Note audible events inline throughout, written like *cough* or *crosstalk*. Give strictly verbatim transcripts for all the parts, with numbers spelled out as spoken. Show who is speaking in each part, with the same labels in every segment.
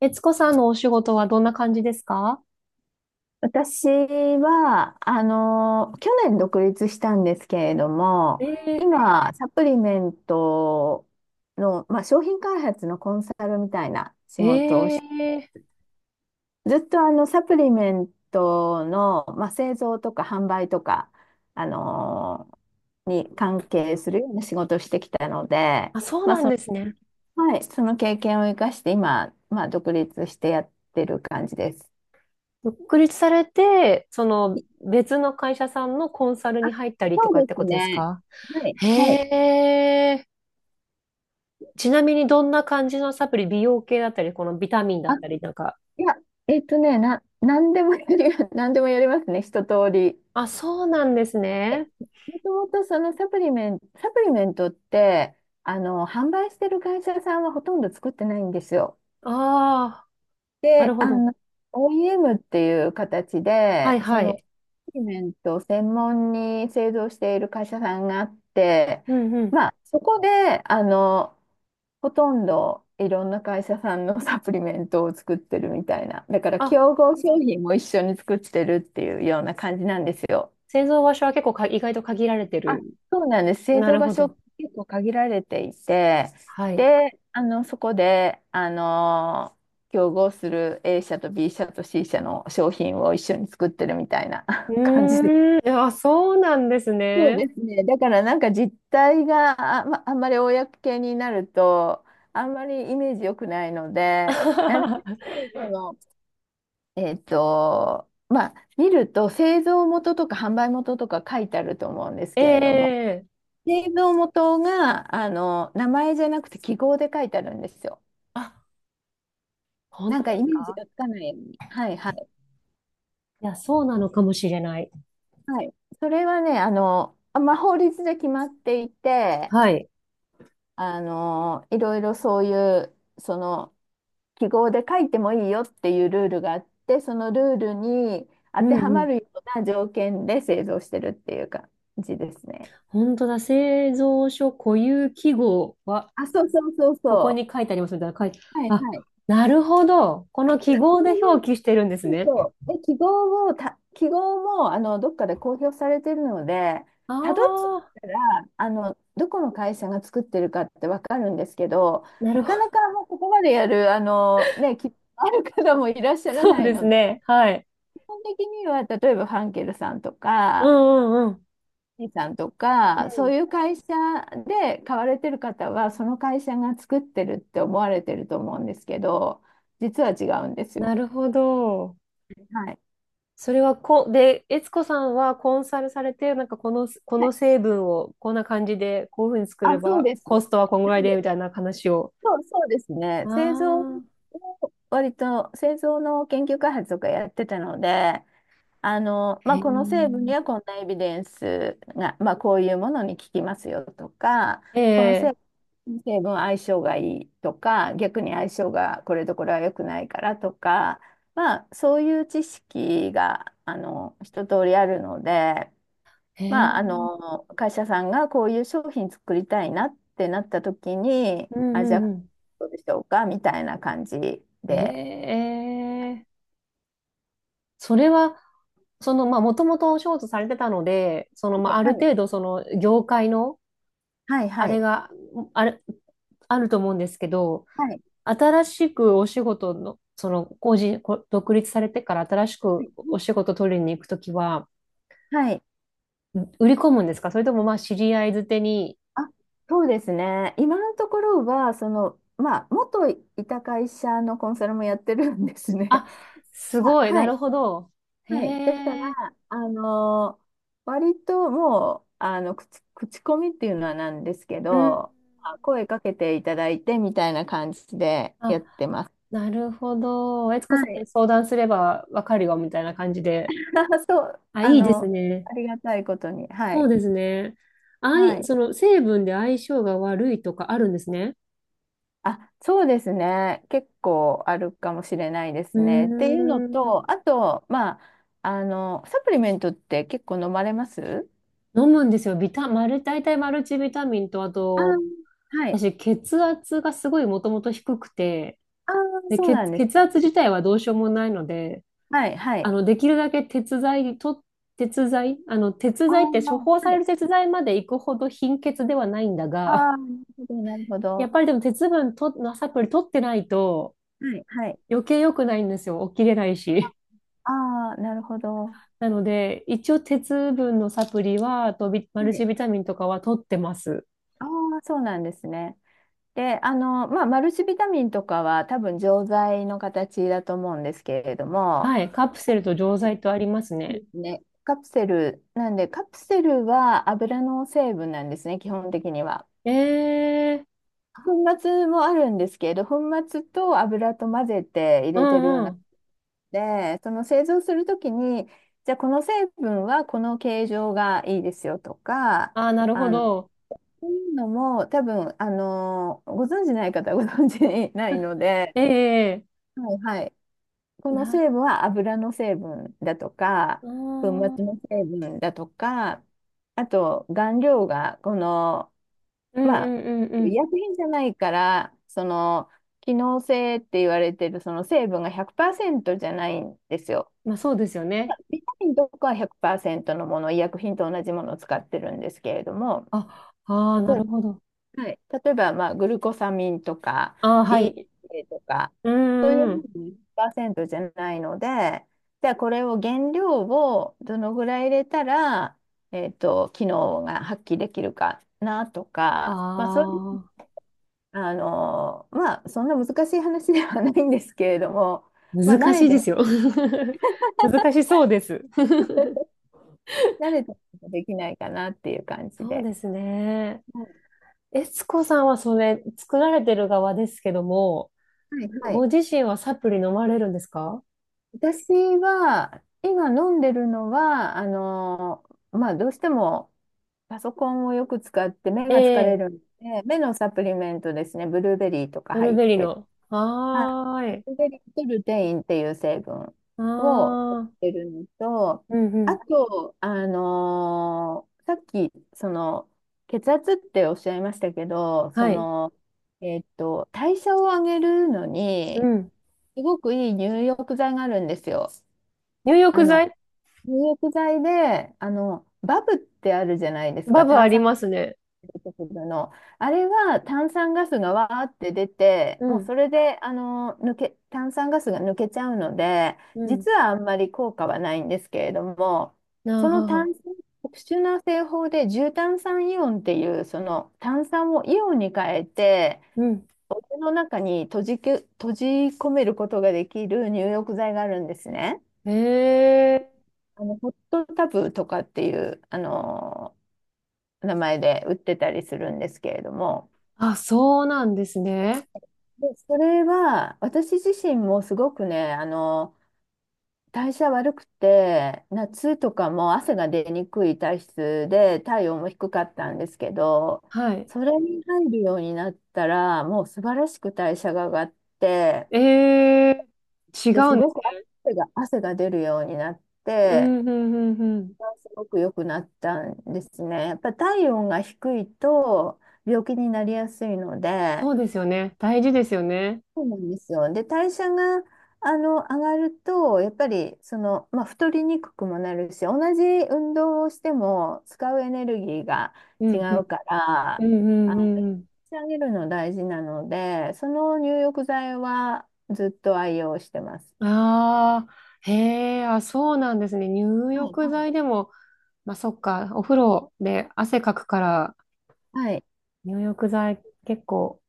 Speaker 1: 悦子さんのお仕事はどんな感じですか？
Speaker 2: 私は、あの、去年独立したんですけれども、
Speaker 1: え
Speaker 2: 今、サプリメントの、まあ、商品開発のコンサルみたいな仕
Speaker 1: ー、
Speaker 2: 事をし
Speaker 1: え
Speaker 2: て、
Speaker 1: ー、
Speaker 2: ずっとあの、サプリメントの、まあ、製造とか販売とか、あの、に関係するような仕事をしてきたので、
Speaker 1: あ、そうなんですね。
Speaker 2: はい、その経験を生かして今、まあ、独立してやってる感じです。
Speaker 1: 独立されて、その別の会社さんのコンサル
Speaker 2: あ、
Speaker 1: に入ったりとか
Speaker 2: そ
Speaker 1: っ
Speaker 2: うで
Speaker 1: て
Speaker 2: す
Speaker 1: ことです
Speaker 2: ね。
Speaker 1: か？
Speaker 2: はい、はい。
Speaker 1: へえ。ちなみにどんな感じのサプリ、美容系だったり、このビタミンだ
Speaker 2: あ
Speaker 1: ったりなんか。
Speaker 2: いや、えっとね、な、何でもやり、*laughs* 何でもやりますね、一通り。
Speaker 1: あ、そうなんです
Speaker 2: で
Speaker 1: ね。
Speaker 2: もともとそのサプリメント、サプリメントって、あの、販売してる会社さんはほとんど作ってないんですよ。
Speaker 1: ああ、な
Speaker 2: で、
Speaker 1: るほ
Speaker 2: あ
Speaker 1: ど。
Speaker 2: の、オーイーエム っていう形
Speaker 1: は
Speaker 2: で、
Speaker 1: い
Speaker 2: そ
Speaker 1: は
Speaker 2: の、
Speaker 1: い。
Speaker 2: サプリメントを専門に製造している会社さんがあって、
Speaker 1: うんうん。
Speaker 2: まあ、そこで、あの、ほとんどいろんな会社さんのサプリメントを作ってるみたいな。だから
Speaker 1: あ、
Speaker 2: 競合商品も一緒に作ってるっていうような感じなんですよ。
Speaker 1: 製造場所は結構か意外と限られて
Speaker 2: あ、
Speaker 1: る。
Speaker 2: そうなんです。製
Speaker 1: な
Speaker 2: 造
Speaker 1: る
Speaker 2: 場
Speaker 1: ほ
Speaker 2: 所
Speaker 1: ど。
Speaker 2: 結構限られていて、
Speaker 1: はい。
Speaker 2: で、あの、そこで、あの、競合する A 社と B 社と C 社の商品を一緒に作ってるみたいな
Speaker 1: う
Speaker 2: *laughs* 感じで。
Speaker 1: ーん、あ、そうなんです
Speaker 2: そう
Speaker 1: ね。
Speaker 2: ですね。だからなんか実態があ、まあんまり公になると、あんまりイメージ良くないので、なるべ
Speaker 1: *laughs*
Speaker 2: くその、えっと、まあ、見ると製造元とか販売元とか書いてあると思うんですけれども、
Speaker 1: ええ。
Speaker 2: 製造元が、あの、名前じゃなくて記号で書いてあるんですよ。
Speaker 1: あ、本
Speaker 2: な
Speaker 1: 当
Speaker 2: んか
Speaker 1: で
Speaker 2: イ
Speaker 1: す
Speaker 2: メージ
Speaker 1: か？
Speaker 2: がつかないように。はいはい。
Speaker 1: いや、そうなのかもしれない。
Speaker 2: はい。それはね、あの、まあ、法律で決まっていて、
Speaker 1: はい。
Speaker 2: あの、いろいろそういう、その、記号で書いてもいいよっていうルールがあって、そのルールに
Speaker 1: う
Speaker 2: 当て
Speaker 1: ん
Speaker 2: は
Speaker 1: う
Speaker 2: ま
Speaker 1: ん。
Speaker 2: るような条件で製造してるっていう感じですね。
Speaker 1: 本当だ。製造所固有記号は、
Speaker 2: あ、そうそうそう
Speaker 1: ここ
Speaker 2: そ
Speaker 1: に書いてありますみたいな書いて、
Speaker 2: う。はい
Speaker 1: あ、
Speaker 2: はい。
Speaker 1: なるほど。この
Speaker 2: た
Speaker 1: 記
Speaker 2: だそ
Speaker 1: 号
Speaker 2: れ
Speaker 1: で
Speaker 2: を、
Speaker 1: 表記してるんです
Speaker 2: そう
Speaker 1: ね。
Speaker 2: そう。で、記号も、た、記号も、あの、どっかで公表されてるので、
Speaker 1: あ
Speaker 2: たどっていっ
Speaker 1: あ、
Speaker 2: たら、あの、どこの会社が作ってるかってわかるんですけど、
Speaker 1: なる
Speaker 2: なか
Speaker 1: ほ
Speaker 2: な
Speaker 1: ど。
Speaker 2: かもうここまでやる、あの、ね、き、ある方もいらっしゃら
Speaker 1: そう
Speaker 2: ない
Speaker 1: です
Speaker 2: ので、
Speaker 1: ね。はい。
Speaker 2: 基本的には、例えばファンケルさんと
Speaker 1: う
Speaker 2: か、
Speaker 1: んうんうん。
Speaker 2: イーさんと
Speaker 1: う
Speaker 2: か、そう
Speaker 1: ん。
Speaker 2: いう会社で買われてる方は、その会社が作ってるって思われてると思うんですけど、実は違うんです
Speaker 1: な
Speaker 2: よ。
Speaker 1: るほど。
Speaker 2: はい。
Speaker 1: それはこ、で、悦子さんはコンサルされて、なんかこの、こ
Speaker 2: は
Speaker 1: の
Speaker 2: い。
Speaker 1: 成分をこんな感じで、こういうふうに作れ
Speaker 2: あ、そう
Speaker 1: ば、
Speaker 2: です。
Speaker 1: コストはこんぐ
Speaker 2: な
Speaker 1: らい
Speaker 2: ん
Speaker 1: で、
Speaker 2: で
Speaker 1: みたいな話を。
Speaker 2: そう、そうですね。製造を
Speaker 1: ああ、
Speaker 2: 割と製造の研究開発とかやってたので、あの、まあ、この成分
Speaker 1: へ
Speaker 2: にはこんなエビデンスが、まあ、こういうものに効きますよとか、この成
Speaker 1: え、
Speaker 2: 分、成分相性がいいとか、逆に相性がこれとこれは良くないからとか、まあ、そういう知識があの一通りあるので、
Speaker 1: ええ、へ
Speaker 2: まあ、あ
Speaker 1: ー、
Speaker 2: の、会社さんがこういう商品作りたいなってなった時に、
Speaker 1: うん
Speaker 2: あ、
Speaker 1: う
Speaker 2: じゃあ、
Speaker 1: んうん。
Speaker 2: どうでしょうかみたいな感じで。
Speaker 1: ええ、それは、その、まあ、もともとお仕事されてたので、その、ま
Speaker 2: は
Speaker 1: あ、
Speaker 2: い
Speaker 1: ある
Speaker 2: はい。
Speaker 1: 程度、その、業界の、
Speaker 2: はい
Speaker 1: あ
Speaker 2: は
Speaker 1: れ
Speaker 2: い。
Speaker 1: が、あれ、あると思うんですけど、
Speaker 2: はい。
Speaker 1: 新しくお仕事の、その、個人、こ独立されてから新しくお仕事取りに行くときは、
Speaker 2: はい。
Speaker 1: ん売り込むんですか？それともまあ、知り合いづてに。
Speaker 2: あ、そうですね。今のところは、その、まあ、元いた会社のコンサルもやってるんですね。
Speaker 1: あ、
Speaker 2: *laughs*
Speaker 1: す
Speaker 2: ま
Speaker 1: ご
Speaker 2: あ、
Speaker 1: い、
Speaker 2: は
Speaker 1: なる
Speaker 2: い。
Speaker 1: ほど。へ
Speaker 2: はい。だか
Speaker 1: え、
Speaker 2: ら、あのー割ともう、あの、口、口コミっていうのはなんですけ
Speaker 1: うん。
Speaker 2: ど、あ、声かけていただいてみたいな感じでやっ
Speaker 1: あ、
Speaker 2: てます。
Speaker 1: なるほど。悦子
Speaker 2: は
Speaker 1: さんに
Speaker 2: い。
Speaker 1: 相談すればわかるよ、みたいな感じで。
Speaker 2: *laughs* そう、
Speaker 1: あ、
Speaker 2: あ
Speaker 1: いいです
Speaker 2: の、
Speaker 1: ね。
Speaker 2: ありがたいことに。は
Speaker 1: そう
Speaker 2: い。
Speaker 1: ですね。あ
Speaker 2: は
Speaker 1: い、
Speaker 2: い。
Speaker 1: その成分で相性が悪いとかあるんですね。
Speaker 2: あ、そうですね。結構あるかもしれないで
Speaker 1: う
Speaker 2: すね。っていうの
Speaker 1: ーん。
Speaker 2: と、あと、まあ、あの、サプリメントって結構飲まれます。
Speaker 1: 飲むんですよ。ビタ、マル、大体マルチビタミンと、あ
Speaker 2: あ
Speaker 1: と、
Speaker 2: ー、はい。
Speaker 1: 私、血圧がすごいもともと低くて、
Speaker 2: ああ、
Speaker 1: で、
Speaker 2: そうなん
Speaker 1: 血、
Speaker 2: です
Speaker 1: 血
Speaker 2: か。
Speaker 1: 圧自体はどうしようもないので、
Speaker 2: はい、は
Speaker 1: あ
Speaker 2: い。
Speaker 1: の、できるだけ鉄剤と、鉄剤、あの、鉄
Speaker 2: ああ、
Speaker 1: 剤って処方さ
Speaker 2: は
Speaker 1: れ
Speaker 2: い。
Speaker 1: る鉄剤まで行くほど貧血ではないんだ
Speaker 2: あ
Speaker 1: が、
Speaker 2: あ、なるほど、なるほ
Speaker 1: *laughs* や
Speaker 2: ど。
Speaker 1: っぱりでも鉄分と、のサプリ取ってないと
Speaker 2: はい、はい。
Speaker 1: 余計良くないんですよ。起きれないし。
Speaker 2: ああ、なるほど。
Speaker 1: なので、一応鉄分のサプリは、あとビマ
Speaker 2: は
Speaker 1: ル
Speaker 2: い。
Speaker 1: チビタミンとかは取ってます。
Speaker 2: ああ、そうなんですね。で、あの、まあ、マルチビタミンとかは多分錠剤の形だと思うんですけれども、
Speaker 1: はい、カプセルと錠
Speaker 2: そ
Speaker 1: 剤とあります
Speaker 2: うで
Speaker 1: ね。
Speaker 2: すね。カプセル、なんで、カプセルは油の成分なんですね、基本的には。
Speaker 1: ええ、
Speaker 2: 粉末もあるんですけど、粉末と油と混ぜて入
Speaker 1: う
Speaker 2: れてるよ
Speaker 1: ん
Speaker 2: うな。
Speaker 1: うん。
Speaker 2: で、その製造するときに、じゃあこの成分はこの形状がいいですよとか、
Speaker 1: ああ、なるほ
Speaker 2: あの、
Speaker 1: ど。
Speaker 2: そういうのも多分、あの、ご存じない方はご存じないので、
Speaker 1: ええ、
Speaker 2: はいはい。この
Speaker 1: な、
Speaker 2: 成分は油の成分だと
Speaker 1: あ
Speaker 2: か、粉
Speaker 1: ー、
Speaker 2: 末の成分だとか、あと顔料がこの、
Speaker 1: うんう
Speaker 2: まあ、
Speaker 1: んうんう
Speaker 2: 医
Speaker 1: ん。
Speaker 2: 薬品じゃないから、その、機能性って言われてるその成分がひゃくパーセントじゃないんですよ。
Speaker 1: まあそうですよね。
Speaker 2: ビタミンとかはひゃくパーセントのもの、医薬品と同じものを使ってるんですけれども、
Speaker 1: あ、あ
Speaker 2: 例
Speaker 1: あ、な
Speaker 2: え
Speaker 1: るほど。
Speaker 2: ば、はい、例えばまあグルコサミンとか
Speaker 1: ああ、はい。
Speaker 2: ディーエイチエー とか、
Speaker 1: う
Speaker 2: そういう
Speaker 1: んうん。
Speaker 2: のもひゃくパーセントじゃないので、じゃあこれを原料をどのぐらい入れたら、えっと、機能が発揮できるかなとか、まあ、そういう、
Speaker 1: ああ、
Speaker 2: あの、まあ、そんな難しい話ではないんですけれども、まあ、慣
Speaker 1: 難し
Speaker 2: れ
Speaker 1: い
Speaker 2: て
Speaker 1: で
Speaker 2: ない、
Speaker 1: すよ。*laughs* 難しそうです。
Speaker 2: *laughs* 慣れてないとできないかなっていう感じ
Speaker 1: そう
Speaker 2: で。
Speaker 1: ですね。えつこさんはそれ、作られてる側ですけども、
Speaker 2: はいはい。
Speaker 1: ご自身はサプリ飲まれるんですか？
Speaker 2: 私は、今飲んでるのは、あの、まあ、どうしてもパソコンをよく使って目が疲れ
Speaker 1: ええ、
Speaker 2: るんで、目のサプリメントですね、ブルーベリーとか
Speaker 1: ブルー
Speaker 2: 入っ
Speaker 1: ベリー
Speaker 2: て、
Speaker 1: の。
Speaker 2: はい、
Speaker 1: は
Speaker 2: ブ
Speaker 1: ーい。
Speaker 2: ルーベリーとルテインっていう成分
Speaker 1: あ
Speaker 2: を取っ
Speaker 1: あ、
Speaker 2: てるのと、
Speaker 1: うんう
Speaker 2: あ
Speaker 1: ん、
Speaker 2: と、あの、さっき、その、血圧っておっしゃいましたけど、そ
Speaker 1: はい。
Speaker 2: の、えっと、代謝を上げるの
Speaker 1: う
Speaker 2: に、
Speaker 1: ん、
Speaker 2: すごくいい入浴剤があるんですよ。
Speaker 1: 入
Speaker 2: あ
Speaker 1: 浴
Speaker 2: の、
Speaker 1: 剤？
Speaker 2: 入浴剤で、あの、バブってあるじゃないです
Speaker 1: バ
Speaker 2: か、
Speaker 1: ブあ
Speaker 2: 炭
Speaker 1: り
Speaker 2: 酸ガ
Speaker 1: ますね。
Speaker 2: ス出てくるの。あれは炭酸ガスがわーって出て、
Speaker 1: う
Speaker 2: もう
Speaker 1: ん、
Speaker 2: それで、あの、抜け、炭酸ガスが抜けちゃうので、
Speaker 1: うん、
Speaker 2: 実はあんまり効果はないんですけれども、
Speaker 1: なあ
Speaker 2: その
Speaker 1: はは、
Speaker 2: 炭酸、特殊な製法で重炭酸イオンっていう、その炭酸をイオンに変えて、
Speaker 1: うん。
Speaker 2: お湯の中に閉じけ、閉じ込めることができる入浴剤があるんですね。
Speaker 1: ええ、
Speaker 2: あの、ホットタブとかっていう、あの名前で売ってたりするんですけれども、
Speaker 1: あ、そうなんですね。
Speaker 2: で、それは私自身もすごくね、あの代謝悪くて、夏とかも汗が出にくい体質で、体温も低かったんですけど、
Speaker 1: はい。
Speaker 2: それに入るようになったら、もう素晴らしく代謝が上がって、
Speaker 1: ええ、違
Speaker 2: で、す
Speaker 1: うんで
Speaker 2: ご
Speaker 1: す。
Speaker 2: く汗が、汗が出るようになっ
Speaker 1: う
Speaker 2: て、
Speaker 1: ん、うん、うん、うん。
Speaker 2: すごく良くなったんですね。やっぱ体温が低いと病気になりやすいので、
Speaker 1: そうですよね。大事ですよね。
Speaker 2: そうなんですよ。で、代謝があの上がると、やっぱりその、まあ、太りにくくもなるし、同じ運動をしても使うエネルギーが
Speaker 1: う
Speaker 2: 違
Speaker 1: ん、う
Speaker 2: う
Speaker 1: ん、
Speaker 2: か
Speaker 1: う
Speaker 2: ら、
Speaker 1: ん、う
Speaker 2: あ
Speaker 1: んう
Speaker 2: の、
Speaker 1: んうん。
Speaker 2: 上げるの大事なので、その入浴剤はずっと愛用してます。
Speaker 1: ああ、へえ、あ、そうなんですね。入
Speaker 2: はい、
Speaker 1: 浴
Speaker 2: はい。
Speaker 1: 剤でも、まあ、そっか、お風呂で汗かくから、
Speaker 2: はい。
Speaker 1: 入浴剤結構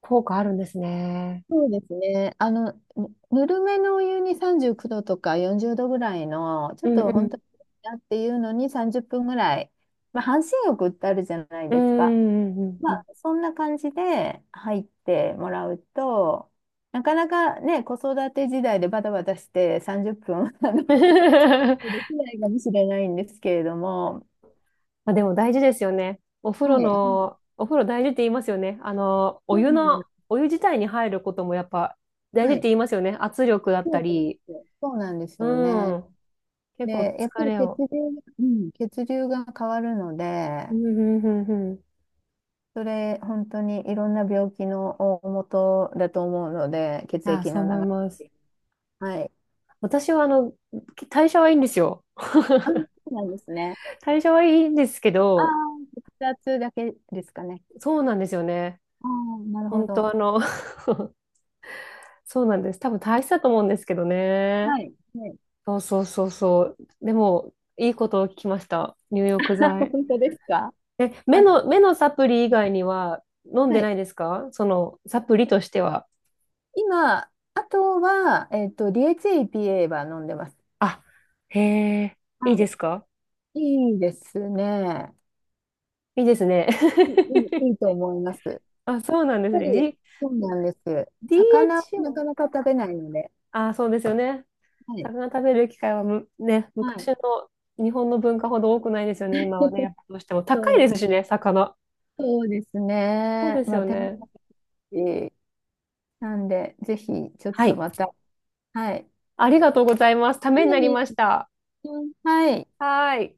Speaker 1: 効果あるんですね。
Speaker 2: そうですね。あの、ぬぬるめのお湯にさんじゅうきゅうどとかよんじゅうどぐらいの、ちょ
Speaker 1: う
Speaker 2: っ
Speaker 1: うん、
Speaker 2: と
Speaker 1: う
Speaker 2: 本当
Speaker 1: ん、
Speaker 2: にだっていうのにさんじゅっぷんぐらい、まあ、半身浴ってあるじゃない
Speaker 1: うーん、
Speaker 2: ですか。
Speaker 1: うん、うん。う
Speaker 2: ま
Speaker 1: ん。
Speaker 2: あ、そんな感じで入ってもらうと、なかなかね、子育て時代でバタバタしてさんじゅっぷん *laughs* あの
Speaker 1: *laughs*
Speaker 2: できないかもしれないんですけれども、
Speaker 1: まあでも大事ですよね。お風呂
Speaker 2: はい、はい、
Speaker 1: の、お風呂大事って言いますよね。あの、お
Speaker 2: そ
Speaker 1: 湯
Speaker 2: うなんで
Speaker 1: の、
Speaker 2: す。
Speaker 1: お湯自体に入ることもやっぱ大事
Speaker 2: は
Speaker 1: って
Speaker 2: い、
Speaker 1: 言いますよね。圧力だっ
Speaker 2: そ
Speaker 1: た
Speaker 2: うなんで
Speaker 1: り。
Speaker 2: すよそうなんです
Speaker 1: う
Speaker 2: よね。
Speaker 1: ん。結構
Speaker 2: で、やっぱ
Speaker 1: 疲
Speaker 2: り
Speaker 1: れ
Speaker 2: 血
Speaker 1: を。
Speaker 2: 流、うん、血流が変わるので、
Speaker 1: うん、うん、うん、うん。
Speaker 2: それ本当にいろんな病気の大元だと思うので、血
Speaker 1: ああ、
Speaker 2: 液
Speaker 1: そう
Speaker 2: の
Speaker 1: 思い
Speaker 2: 流
Speaker 1: ます。
Speaker 2: れ。はい。
Speaker 1: 私はあの、代謝はいいんですよ。
Speaker 2: あ、そうなんですね。
Speaker 1: 代謝はいいんですけ
Speaker 2: ああ、
Speaker 1: ど、
Speaker 2: 血圧だけですかね。
Speaker 1: そうなんですよね。
Speaker 2: ああ、なるほ
Speaker 1: 本当
Speaker 2: ど。
Speaker 1: あの、*laughs* そうなんです。多分大したと思うんですけどね。
Speaker 2: はい。はい。
Speaker 1: そうそうそうそう。でも、いいことを聞きました。入浴
Speaker 2: *laughs*
Speaker 1: 剤。
Speaker 2: 本当ですか？
Speaker 1: え、目
Speaker 2: あ、
Speaker 1: の、目のサプリ以外には飲ん
Speaker 2: は
Speaker 1: で
Speaker 2: い。
Speaker 1: ないですか？その、サプリとしては。
Speaker 2: 今、あとは、えっと、ディーエイチエー、イーピーエー は飲んでます。
Speaker 1: あ、へえ、いいで
Speaker 2: は
Speaker 1: すか？
Speaker 2: い。いいですね。
Speaker 1: いいですね。
Speaker 2: いい、いいいいと思います。やっ
Speaker 1: *laughs* あ、そうなんです
Speaker 2: ぱ
Speaker 1: ね。
Speaker 2: り、
Speaker 1: D、
Speaker 2: そうなんです。魚を
Speaker 1: ディーエイチエー？
Speaker 2: なかなか食べないので。
Speaker 1: あ、そうですよね。
Speaker 2: はい。
Speaker 1: 魚食べる機会はむ、ね、
Speaker 2: は
Speaker 1: 昔
Speaker 2: い。
Speaker 1: の日本の文化ほど多くないですよね、今はね。やっ
Speaker 2: *laughs*
Speaker 1: ぱどうしても
Speaker 2: そ
Speaker 1: 高い
Speaker 2: う、
Speaker 1: ですしね、魚。
Speaker 2: そうです
Speaker 1: そう
Speaker 2: ね。
Speaker 1: です
Speaker 2: まあ、
Speaker 1: よ
Speaker 2: 手間も
Speaker 1: ね。
Speaker 2: かかるしなんで、ぜひ、ちょっ
Speaker 1: は
Speaker 2: と
Speaker 1: い。
Speaker 2: また。はい。
Speaker 1: ありがとうございます。た
Speaker 2: い
Speaker 1: めになり
Speaker 2: えい
Speaker 1: ました。
Speaker 2: え。はい。
Speaker 1: はーい。